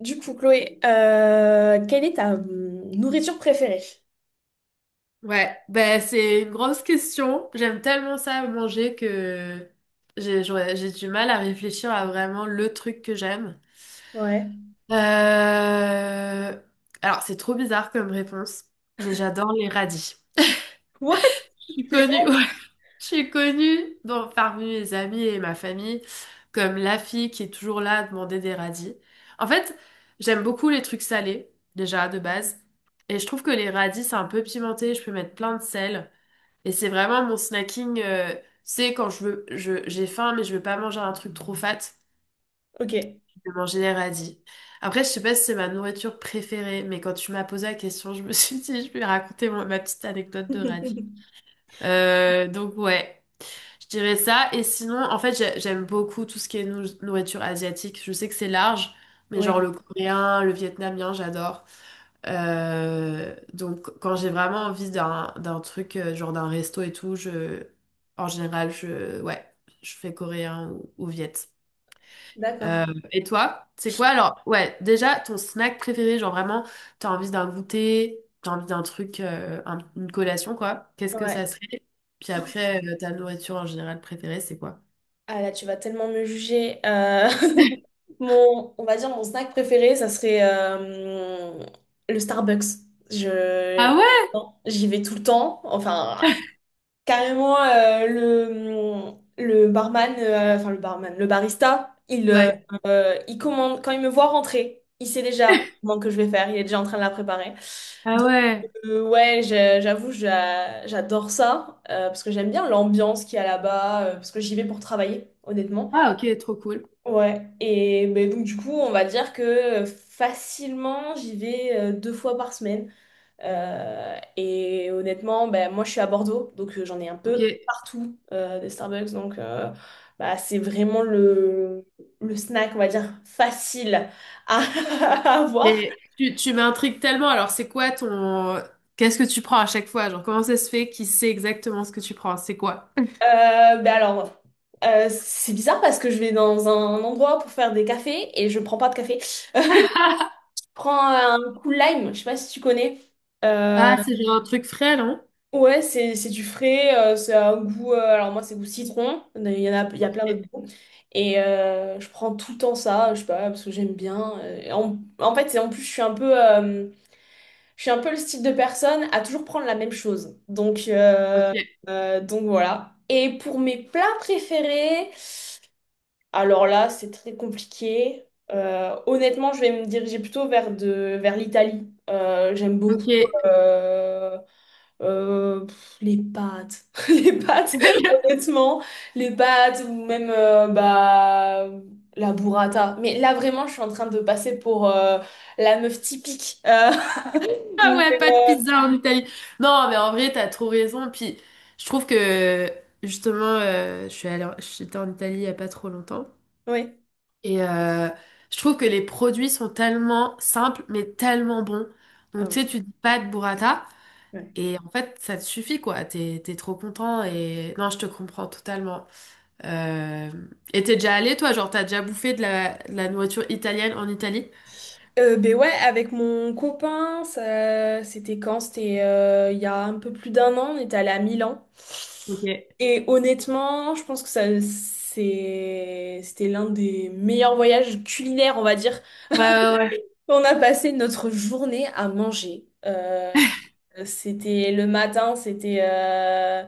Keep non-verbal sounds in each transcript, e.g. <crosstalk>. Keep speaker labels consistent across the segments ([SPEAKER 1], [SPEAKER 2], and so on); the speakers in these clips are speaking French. [SPEAKER 1] Du coup, Chloé, quelle est ta nourriture préférée?
[SPEAKER 2] Ouais, ben c'est une grosse question. J'aime tellement ça manger que j'ai du mal à réfléchir à vraiment le truc que j'aime.
[SPEAKER 1] Ouais.
[SPEAKER 2] Euh, Alors, c'est trop bizarre comme réponse, mais j'adore les radis.
[SPEAKER 1] What?
[SPEAKER 2] Je suis
[SPEAKER 1] Les
[SPEAKER 2] connue, <laughs>
[SPEAKER 1] rêves?
[SPEAKER 2] ouais, je suis connue dans, parmi mes amis et ma famille comme la fille qui est toujours là à demander des radis. En fait, j'aime beaucoup les trucs salés, déjà de base, et je trouve que les radis, c'est un peu pimenté, je peux mettre plein de sel. Et c'est vraiment mon snacking, c'est quand je veux, je, j'ai faim, mais je veux pas manger un truc trop fat,
[SPEAKER 1] Ok.
[SPEAKER 2] je vais manger des radis. Après, je sais pas si c'est ma nourriture préférée, mais quand tu m'as posé la question, je me <laughs> suis dit, je vais raconter ma petite anecdote de radis.
[SPEAKER 1] <laughs>
[SPEAKER 2] Donc ouais, je dirais ça. Et sinon, en fait, j'aime beaucoup tout ce qui est nourriture asiatique. Je sais que c'est large, mais genre
[SPEAKER 1] Ouais.
[SPEAKER 2] le coréen, le vietnamien, j'adore. Donc, quand j'ai vraiment envie d'un truc, genre d'un resto et tout, je, en général, je, ouais, je fais coréen ou viet.
[SPEAKER 1] D'accord.
[SPEAKER 2] Euh, et toi, c'est quoi alors? Ouais, déjà, ton snack préféré, genre vraiment, t'as envie d'un goûter, t'as envie d'un truc, une collation, quoi. Qu'est-ce que
[SPEAKER 1] Ouais.
[SPEAKER 2] ça serait? Puis après, ta nourriture en général préférée, c'est quoi?
[SPEAKER 1] Ah là, tu vas tellement me juger. <laughs> On va dire mon snack préféré, ça serait le Starbucks. Je,
[SPEAKER 2] Ah ouais?
[SPEAKER 1] j'y vais tout le temps. Enfin, carrément, le barman, enfin le barman, le barista, il, euh,
[SPEAKER 2] Ouais.
[SPEAKER 1] euh, il commande, quand il me voit rentrer, il sait déjà le commande que je vais faire, il est déjà en train de la préparer.
[SPEAKER 2] Ah
[SPEAKER 1] Donc,
[SPEAKER 2] ouais.
[SPEAKER 1] ouais, j'avoue, j'adore ça, parce que j'aime bien l'ambiance qu'il y a là-bas, parce que j'y vais pour travailler, honnêtement.
[SPEAKER 2] Ah ok, trop cool.
[SPEAKER 1] Ouais, et ben, donc du coup, on va dire que facilement, j'y vais deux fois par semaine. Et honnêtement, ben, moi je suis à Bordeaux, donc j'en ai un
[SPEAKER 2] Ok.
[SPEAKER 1] peu partout des Starbucks. Donc bah, c'est vraiment le, snack, on va dire, facile à, <laughs> à avoir.
[SPEAKER 2] Mais tu m'intrigues tellement. Alors, c'est quoi ton... Qu'est-ce que tu prends à chaque fois? Genre, comment ça se fait qu'il sait exactement ce que tu prends? C'est quoi?
[SPEAKER 1] Ben alors, c'est bizarre parce que je vais dans un endroit pour faire des cafés et je prends pas de café. Je
[SPEAKER 2] <laughs>
[SPEAKER 1] prends un cool lime, je sais pas si tu connais. Euh,
[SPEAKER 2] Ah, c'est genre un truc frais, non?
[SPEAKER 1] Ouais, c'est du frais, c'est un goût. Alors, moi, c'est goût citron. Il y a plein d'autres
[SPEAKER 2] Ok,
[SPEAKER 1] goûts. Et je prends tout le temps ça, je sais pas, parce que j'aime bien. Et en fait, c'est en plus, je suis un peu, je suis un peu le style de personne à toujours prendre la même chose. Donc,
[SPEAKER 2] ok.
[SPEAKER 1] voilà. Et pour mes plats préférés. Alors là, c'est très compliqué. Honnêtement, je vais me diriger plutôt vers, vers l'Italie. J'aime beaucoup
[SPEAKER 2] Ok.
[SPEAKER 1] euh, les pâtes. <laughs> Les pâtes,
[SPEAKER 2] <laughs>
[SPEAKER 1] honnêtement. Les pâtes ou même bah, la burrata. Mais là, vraiment, je suis en train de passer pour la meuf typique. <laughs>
[SPEAKER 2] Ah
[SPEAKER 1] Mais,
[SPEAKER 2] ouais, pas de pizza en Italie. Non, mais en vrai, t'as trop raison. Puis, je trouve que, justement, je suis allée, j'étais en Italie il y a pas trop longtemps.
[SPEAKER 1] ouais.
[SPEAKER 2] Et je trouve que les produits sont tellement simples, mais tellement bons.
[SPEAKER 1] Ah
[SPEAKER 2] Donc, tu sais,
[SPEAKER 1] ouais.
[SPEAKER 2] tu dis pas de burrata.
[SPEAKER 1] Ouais.
[SPEAKER 2] Et en fait, ça te suffit, quoi. T'es trop content et... Non, je te comprends totalement. Euh... Et t'es déjà allé, toi? Genre, t'as déjà bouffé de de la nourriture italienne en Italie?
[SPEAKER 1] Ben ouais, avec mon copain, ça, c'était quand? C'était il y a un peu plus d'un an, on était allé à Milan.
[SPEAKER 2] Ok. Ouais,
[SPEAKER 1] Et honnêtement, je pense que ça, c'était l'un des meilleurs voyages culinaires, on va dire,
[SPEAKER 2] ouais, ouais.
[SPEAKER 1] on a passé notre journée à manger. C'était le matin,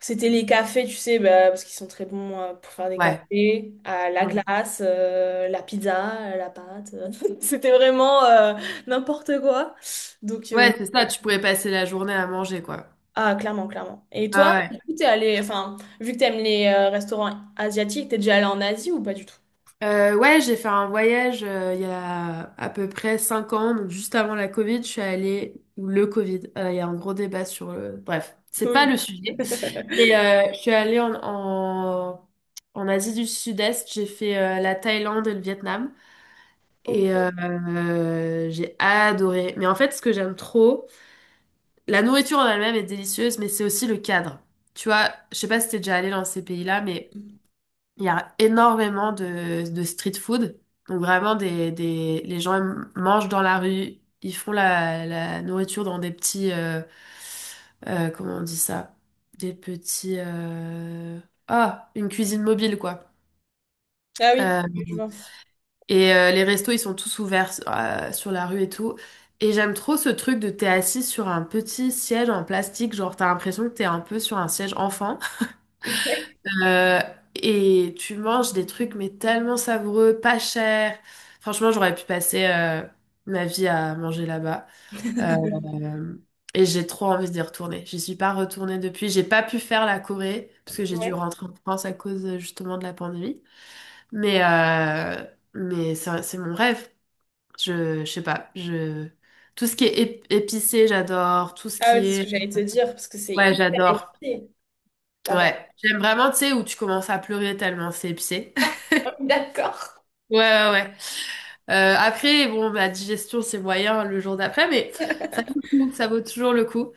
[SPEAKER 1] c'était les cafés, tu sais, bah, parce qu'ils sont très bons pour faire des
[SPEAKER 2] Ouais.
[SPEAKER 1] cafés, à la
[SPEAKER 2] Ouais,
[SPEAKER 1] glace, la pizza, la pâte. <laughs> C'était vraiment n'importe quoi. Donc,
[SPEAKER 2] ouais, c'est ça. Tu pourrais passer la journée à manger, quoi.
[SPEAKER 1] ah, clairement, clairement. Et toi,
[SPEAKER 2] Ah ouais.
[SPEAKER 1] du coup, t'es allé, enfin, vu que t'aimes les restaurants asiatiques, t'es déjà allé en Asie ou pas du tout?
[SPEAKER 2] Ouais, j'ai fait un voyage il y a à peu près 5 ans, donc juste avant la Covid, je suis allée... Ou le Covid. Il y a un gros débat sur le... Bref, c'est pas
[SPEAKER 1] Oui.
[SPEAKER 2] le sujet. Et,
[SPEAKER 1] <laughs>
[SPEAKER 2] je suis allée en Asie du Sud-Est, j'ai fait la Thaïlande et le Vietnam
[SPEAKER 1] Ok.
[SPEAKER 2] et j'ai adoré. Mais en fait, ce que j'aime trop, la nourriture en elle-même est délicieuse, mais c'est aussi le cadre. Tu vois, je sais pas si t'es déjà allé dans ces pays-là, mais il y a énormément de street food. Donc vraiment, les gens ils mangent dans la rue, ils font la nourriture dans des petits... comment on dit ça? Des petits... Ah, une cuisine mobile, quoi.
[SPEAKER 1] Ah oui,
[SPEAKER 2] Euh,
[SPEAKER 1] je vois.
[SPEAKER 2] et les restos, ils sont tous ouverts sur la rue et tout. Et j'aime trop ce truc de t'es assis sur un petit siège en plastique, genre t'as l'impression que t'es un peu sur un siège enfant.
[SPEAKER 1] Ouais.
[SPEAKER 2] Euh, et tu manges des trucs mais tellement savoureux, pas cher. Franchement, j'aurais pu passer ma vie à manger là-bas. Euh,
[SPEAKER 1] <laughs>
[SPEAKER 2] et j'ai trop envie d'y retourner. J'y suis pas retournée depuis. J'ai pas pu faire la Corée parce que j'ai dû
[SPEAKER 1] Ouais.
[SPEAKER 2] rentrer en France à cause justement de la pandémie. Mais euh, mais c'est mon rêve. Je sais pas. Je tout ce qui est épicé, j'adore. Tout ce
[SPEAKER 1] Ah ouais,
[SPEAKER 2] qui
[SPEAKER 1] c'est ce que
[SPEAKER 2] est
[SPEAKER 1] j'allais te dire, parce que c'est
[SPEAKER 2] ouais,
[SPEAKER 1] hyper
[SPEAKER 2] j'adore.
[SPEAKER 1] épicé là-bas.
[SPEAKER 2] Ouais, j'aime vraiment, tu sais, où tu commences à pleurer tellement c'est épicé.
[SPEAKER 1] <laughs> D'accord.
[SPEAKER 2] Ouais, ouais, ouais. Après, bon, ma digestion, c'est moyen le jour d'après, mais ça vaut le coup, ça vaut toujours le coup.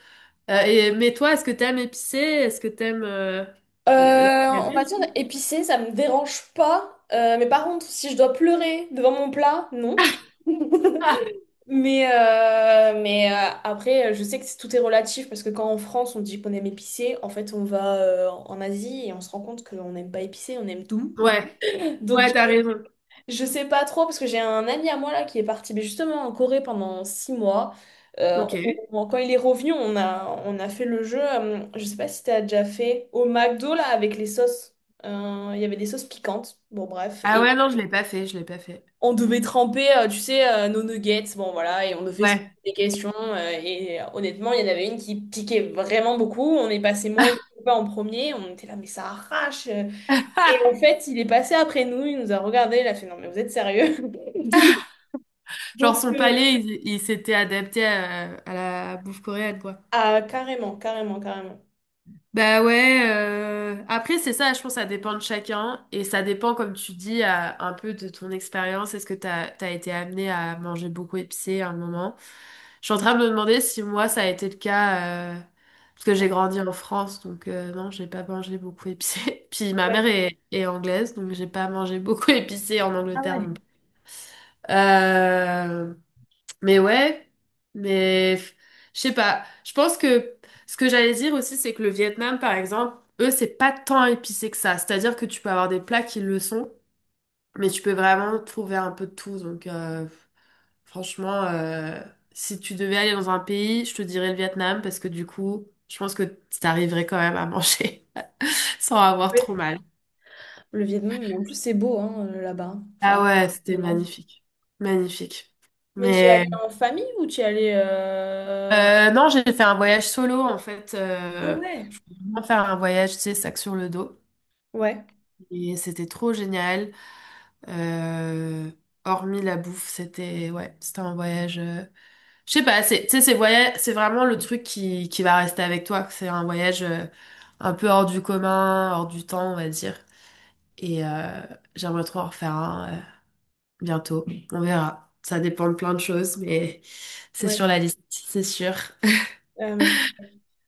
[SPEAKER 2] Mais toi, est-ce que t'aimes épicé? Est-ce que t'aimes...
[SPEAKER 1] Euh,
[SPEAKER 2] la- la- la-
[SPEAKER 1] on va dire épicé, ça me dérange pas. Mais par contre, si je dois pleurer devant mon plat, non. <laughs>
[SPEAKER 2] Ah,
[SPEAKER 1] Mais, après, je sais que tout est relatif parce que quand en France on dit qu'on aime épicé, en fait on va en Asie et on se rend compte qu'on n'aime pas épicé, on aime tout.
[SPEAKER 2] <laughs> ouais,
[SPEAKER 1] <laughs> Donc
[SPEAKER 2] ouais, t'as raison.
[SPEAKER 1] je sais pas trop parce que j'ai un ami à moi là qui est parti mais justement en Corée pendant six mois. Euh,
[SPEAKER 2] Ok.
[SPEAKER 1] on- quand il est revenu, on a fait le jeu. Je sais pas si t'as déjà fait au McDo là avec les sauces. Il y avait des sauces piquantes. Bon bref
[SPEAKER 2] Ah
[SPEAKER 1] et
[SPEAKER 2] ouais, non, je l'ai pas fait.
[SPEAKER 1] on devait tremper, tu sais, nos nuggets. Bon voilà et on devait se poser
[SPEAKER 2] Ouais.
[SPEAKER 1] des questions et honnêtement il y en avait une qui piquait vraiment beaucoup. On est passé moi et mon copain en premier. On était là mais ça arrache. Et en
[SPEAKER 2] <laughs>
[SPEAKER 1] fait il est passé après nous, il nous a regardé, il a fait non mais vous êtes sérieux?
[SPEAKER 2] Genre,
[SPEAKER 1] Donc,
[SPEAKER 2] son palais, il s'était adapté à la bouffe coréenne, quoi.
[SPEAKER 1] ah, carrément, carrément, carrément.
[SPEAKER 2] Bah ouais, après c'est ça, je pense que ça dépend de chacun et ça dépend comme tu dis un peu de ton expérience, est-ce que t'as été amené à manger beaucoup épicé à un moment? Je suis en train de me demander si moi ça a été le cas parce que j'ai grandi en France donc non, j'ai pas mangé beaucoup épicé. <laughs> Puis ma
[SPEAKER 1] Ouais.
[SPEAKER 2] mère est anglaise donc j'ai pas mangé beaucoup <laughs> épicé en
[SPEAKER 1] Ah
[SPEAKER 2] Angleterre
[SPEAKER 1] ouais.
[SPEAKER 2] non plus. Euh, mais ouais, mais f- je sais pas. Je pense que ce que j'allais dire aussi, c'est que le Vietnam, par exemple, eux, c'est pas tant épicé que ça. C'est-à-dire que tu peux avoir des plats qui le sont, mais tu peux vraiment trouver un peu de tout. Donc, franchement, si tu devais aller dans un pays, je te dirais le Vietnam parce que du coup, je pense que t'arriverais quand même à manger <laughs> sans avoir trop
[SPEAKER 1] Ouais.
[SPEAKER 2] mal.
[SPEAKER 1] Le Vietnam, en plus, c'est beau hein, là-bas. Enfin,
[SPEAKER 2] Ah ouais,
[SPEAKER 1] ça
[SPEAKER 2] c'était
[SPEAKER 1] donne envie.
[SPEAKER 2] magnifique. Magnifique.
[SPEAKER 1] Mais tu y es allé
[SPEAKER 2] Mais
[SPEAKER 1] en famille ou tu y es allé...
[SPEAKER 2] non, j'ai fait un voyage solo en fait.
[SPEAKER 1] Ah
[SPEAKER 2] Euh,
[SPEAKER 1] ouais.
[SPEAKER 2] on faire un voyage, tu sais, sac sur le dos.
[SPEAKER 1] Ouais.
[SPEAKER 2] Et c'était trop génial. Euh, hormis la bouffe, c'était ouais, c'était un voyage. Je sais pas, c'est, tu sais, c'est voyage, c'est vraiment le truc qui va rester avec toi. C'est un voyage un peu hors du commun, hors du temps, on va dire. Et j'aimerais trop en refaire un bientôt. On verra. Ça dépend de plein de choses, mais c'est sur
[SPEAKER 1] Ouais.
[SPEAKER 2] la liste, c'est sûr. <laughs>
[SPEAKER 1] Euh, je-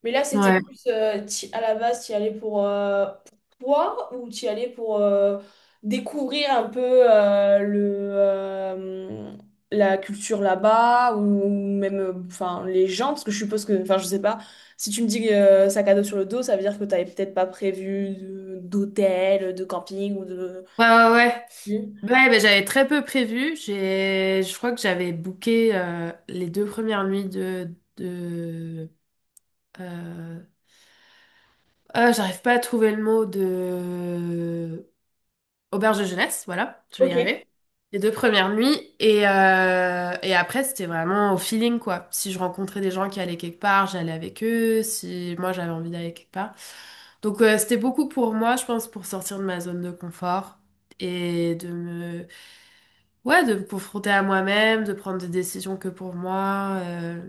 [SPEAKER 1] Mais là, c'était
[SPEAKER 2] Ouais.
[SPEAKER 1] plus à la base, tu y allais pour toi ou tu y allais pour découvrir un peu euh, le, euh, la culture là-bas ou même enfin, les gens, parce que je suppose que, enfin, je sais pas, si tu me dis sac à dos sur le dos, ça veut dire que tu n'avais peut-être pas prévu d'hôtel, de camping ou de...
[SPEAKER 2] Ouais, ouais, ouais.
[SPEAKER 1] Oui.
[SPEAKER 2] Ouais, ben, j'avais très peu prévu. J'ai, je crois que j'avais booké les deux premières nuits de euh, ah, j'arrive pas à trouver le mot de auberge de jeunesse. Voilà, je vais y
[SPEAKER 1] Ok,
[SPEAKER 2] arriver. Les deux premières nuits et et après c'était vraiment au feeling quoi. Si je rencontrais des gens qui allaient quelque part, j'allais avec eux. Si moi j'avais envie d'aller quelque part, donc c'était beaucoup pour moi, je pense, pour sortir de ma zone de confort et de me ouais, de me confronter à moi-même, de prendre des décisions que pour moi,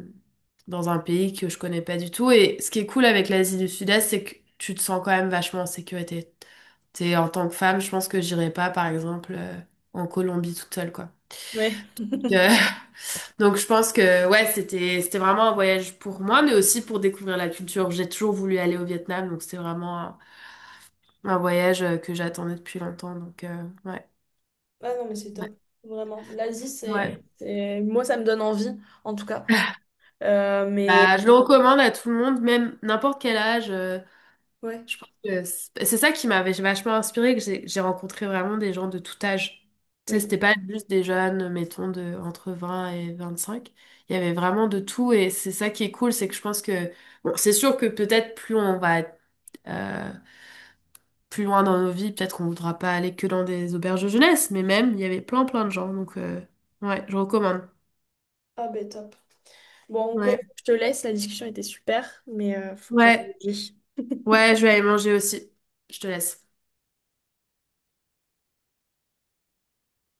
[SPEAKER 2] dans un pays que je connais pas du tout. Et ce qui est cool avec l'Asie du Sud-Est, c'est que tu te sens quand même vachement en sécurité. T'es, en tant que femme, je pense que j'irai pas, par exemple, en Colombie toute seule, quoi.
[SPEAKER 1] ouais.
[SPEAKER 2] Que- <laughs> Donc je pense que ouais, c'était vraiment un voyage pour moi, mais aussi pour découvrir la culture. J'ai toujours voulu aller au Vietnam, donc c'était vraiment un voyage que j'attendais depuis longtemps. Donc ouais,
[SPEAKER 1] Ah non, mais c'est
[SPEAKER 2] ouais,
[SPEAKER 1] top, vraiment. L'Asie,
[SPEAKER 2] ouais.
[SPEAKER 1] moi, ça me donne envie, en tout cas. Euh,
[SPEAKER 2] Bah,
[SPEAKER 1] mais
[SPEAKER 2] je le recommande à tout le monde, même n'importe quel âge.
[SPEAKER 1] Ouais.
[SPEAKER 2] Je pense que c'est ça qui m'avait vachement inspirée, que j'ai rencontré vraiment des gens de tout âge. Tu sais,
[SPEAKER 1] Oui.
[SPEAKER 2] c'était pas juste des jeunes, mettons, de, entre 20 et 25. Il y avait vraiment de tout et c'est ça qui est cool, c'est que je pense que, bon, c'est sûr que peut-être plus on va être, euh, plus loin dans nos vies, peut-être qu'on voudra pas aller que dans des auberges de jeunesse, mais même, il y avait plein plein de gens, donc ouais, je recommande.
[SPEAKER 1] Ah ben top. Bon, Chloé,
[SPEAKER 2] Ouais,
[SPEAKER 1] je te laisse, la discussion était super, mais faut que j'aille
[SPEAKER 2] ouais,
[SPEAKER 1] manger.
[SPEAKER 2] ouais, je vais aller manger aussi. Je te laisse.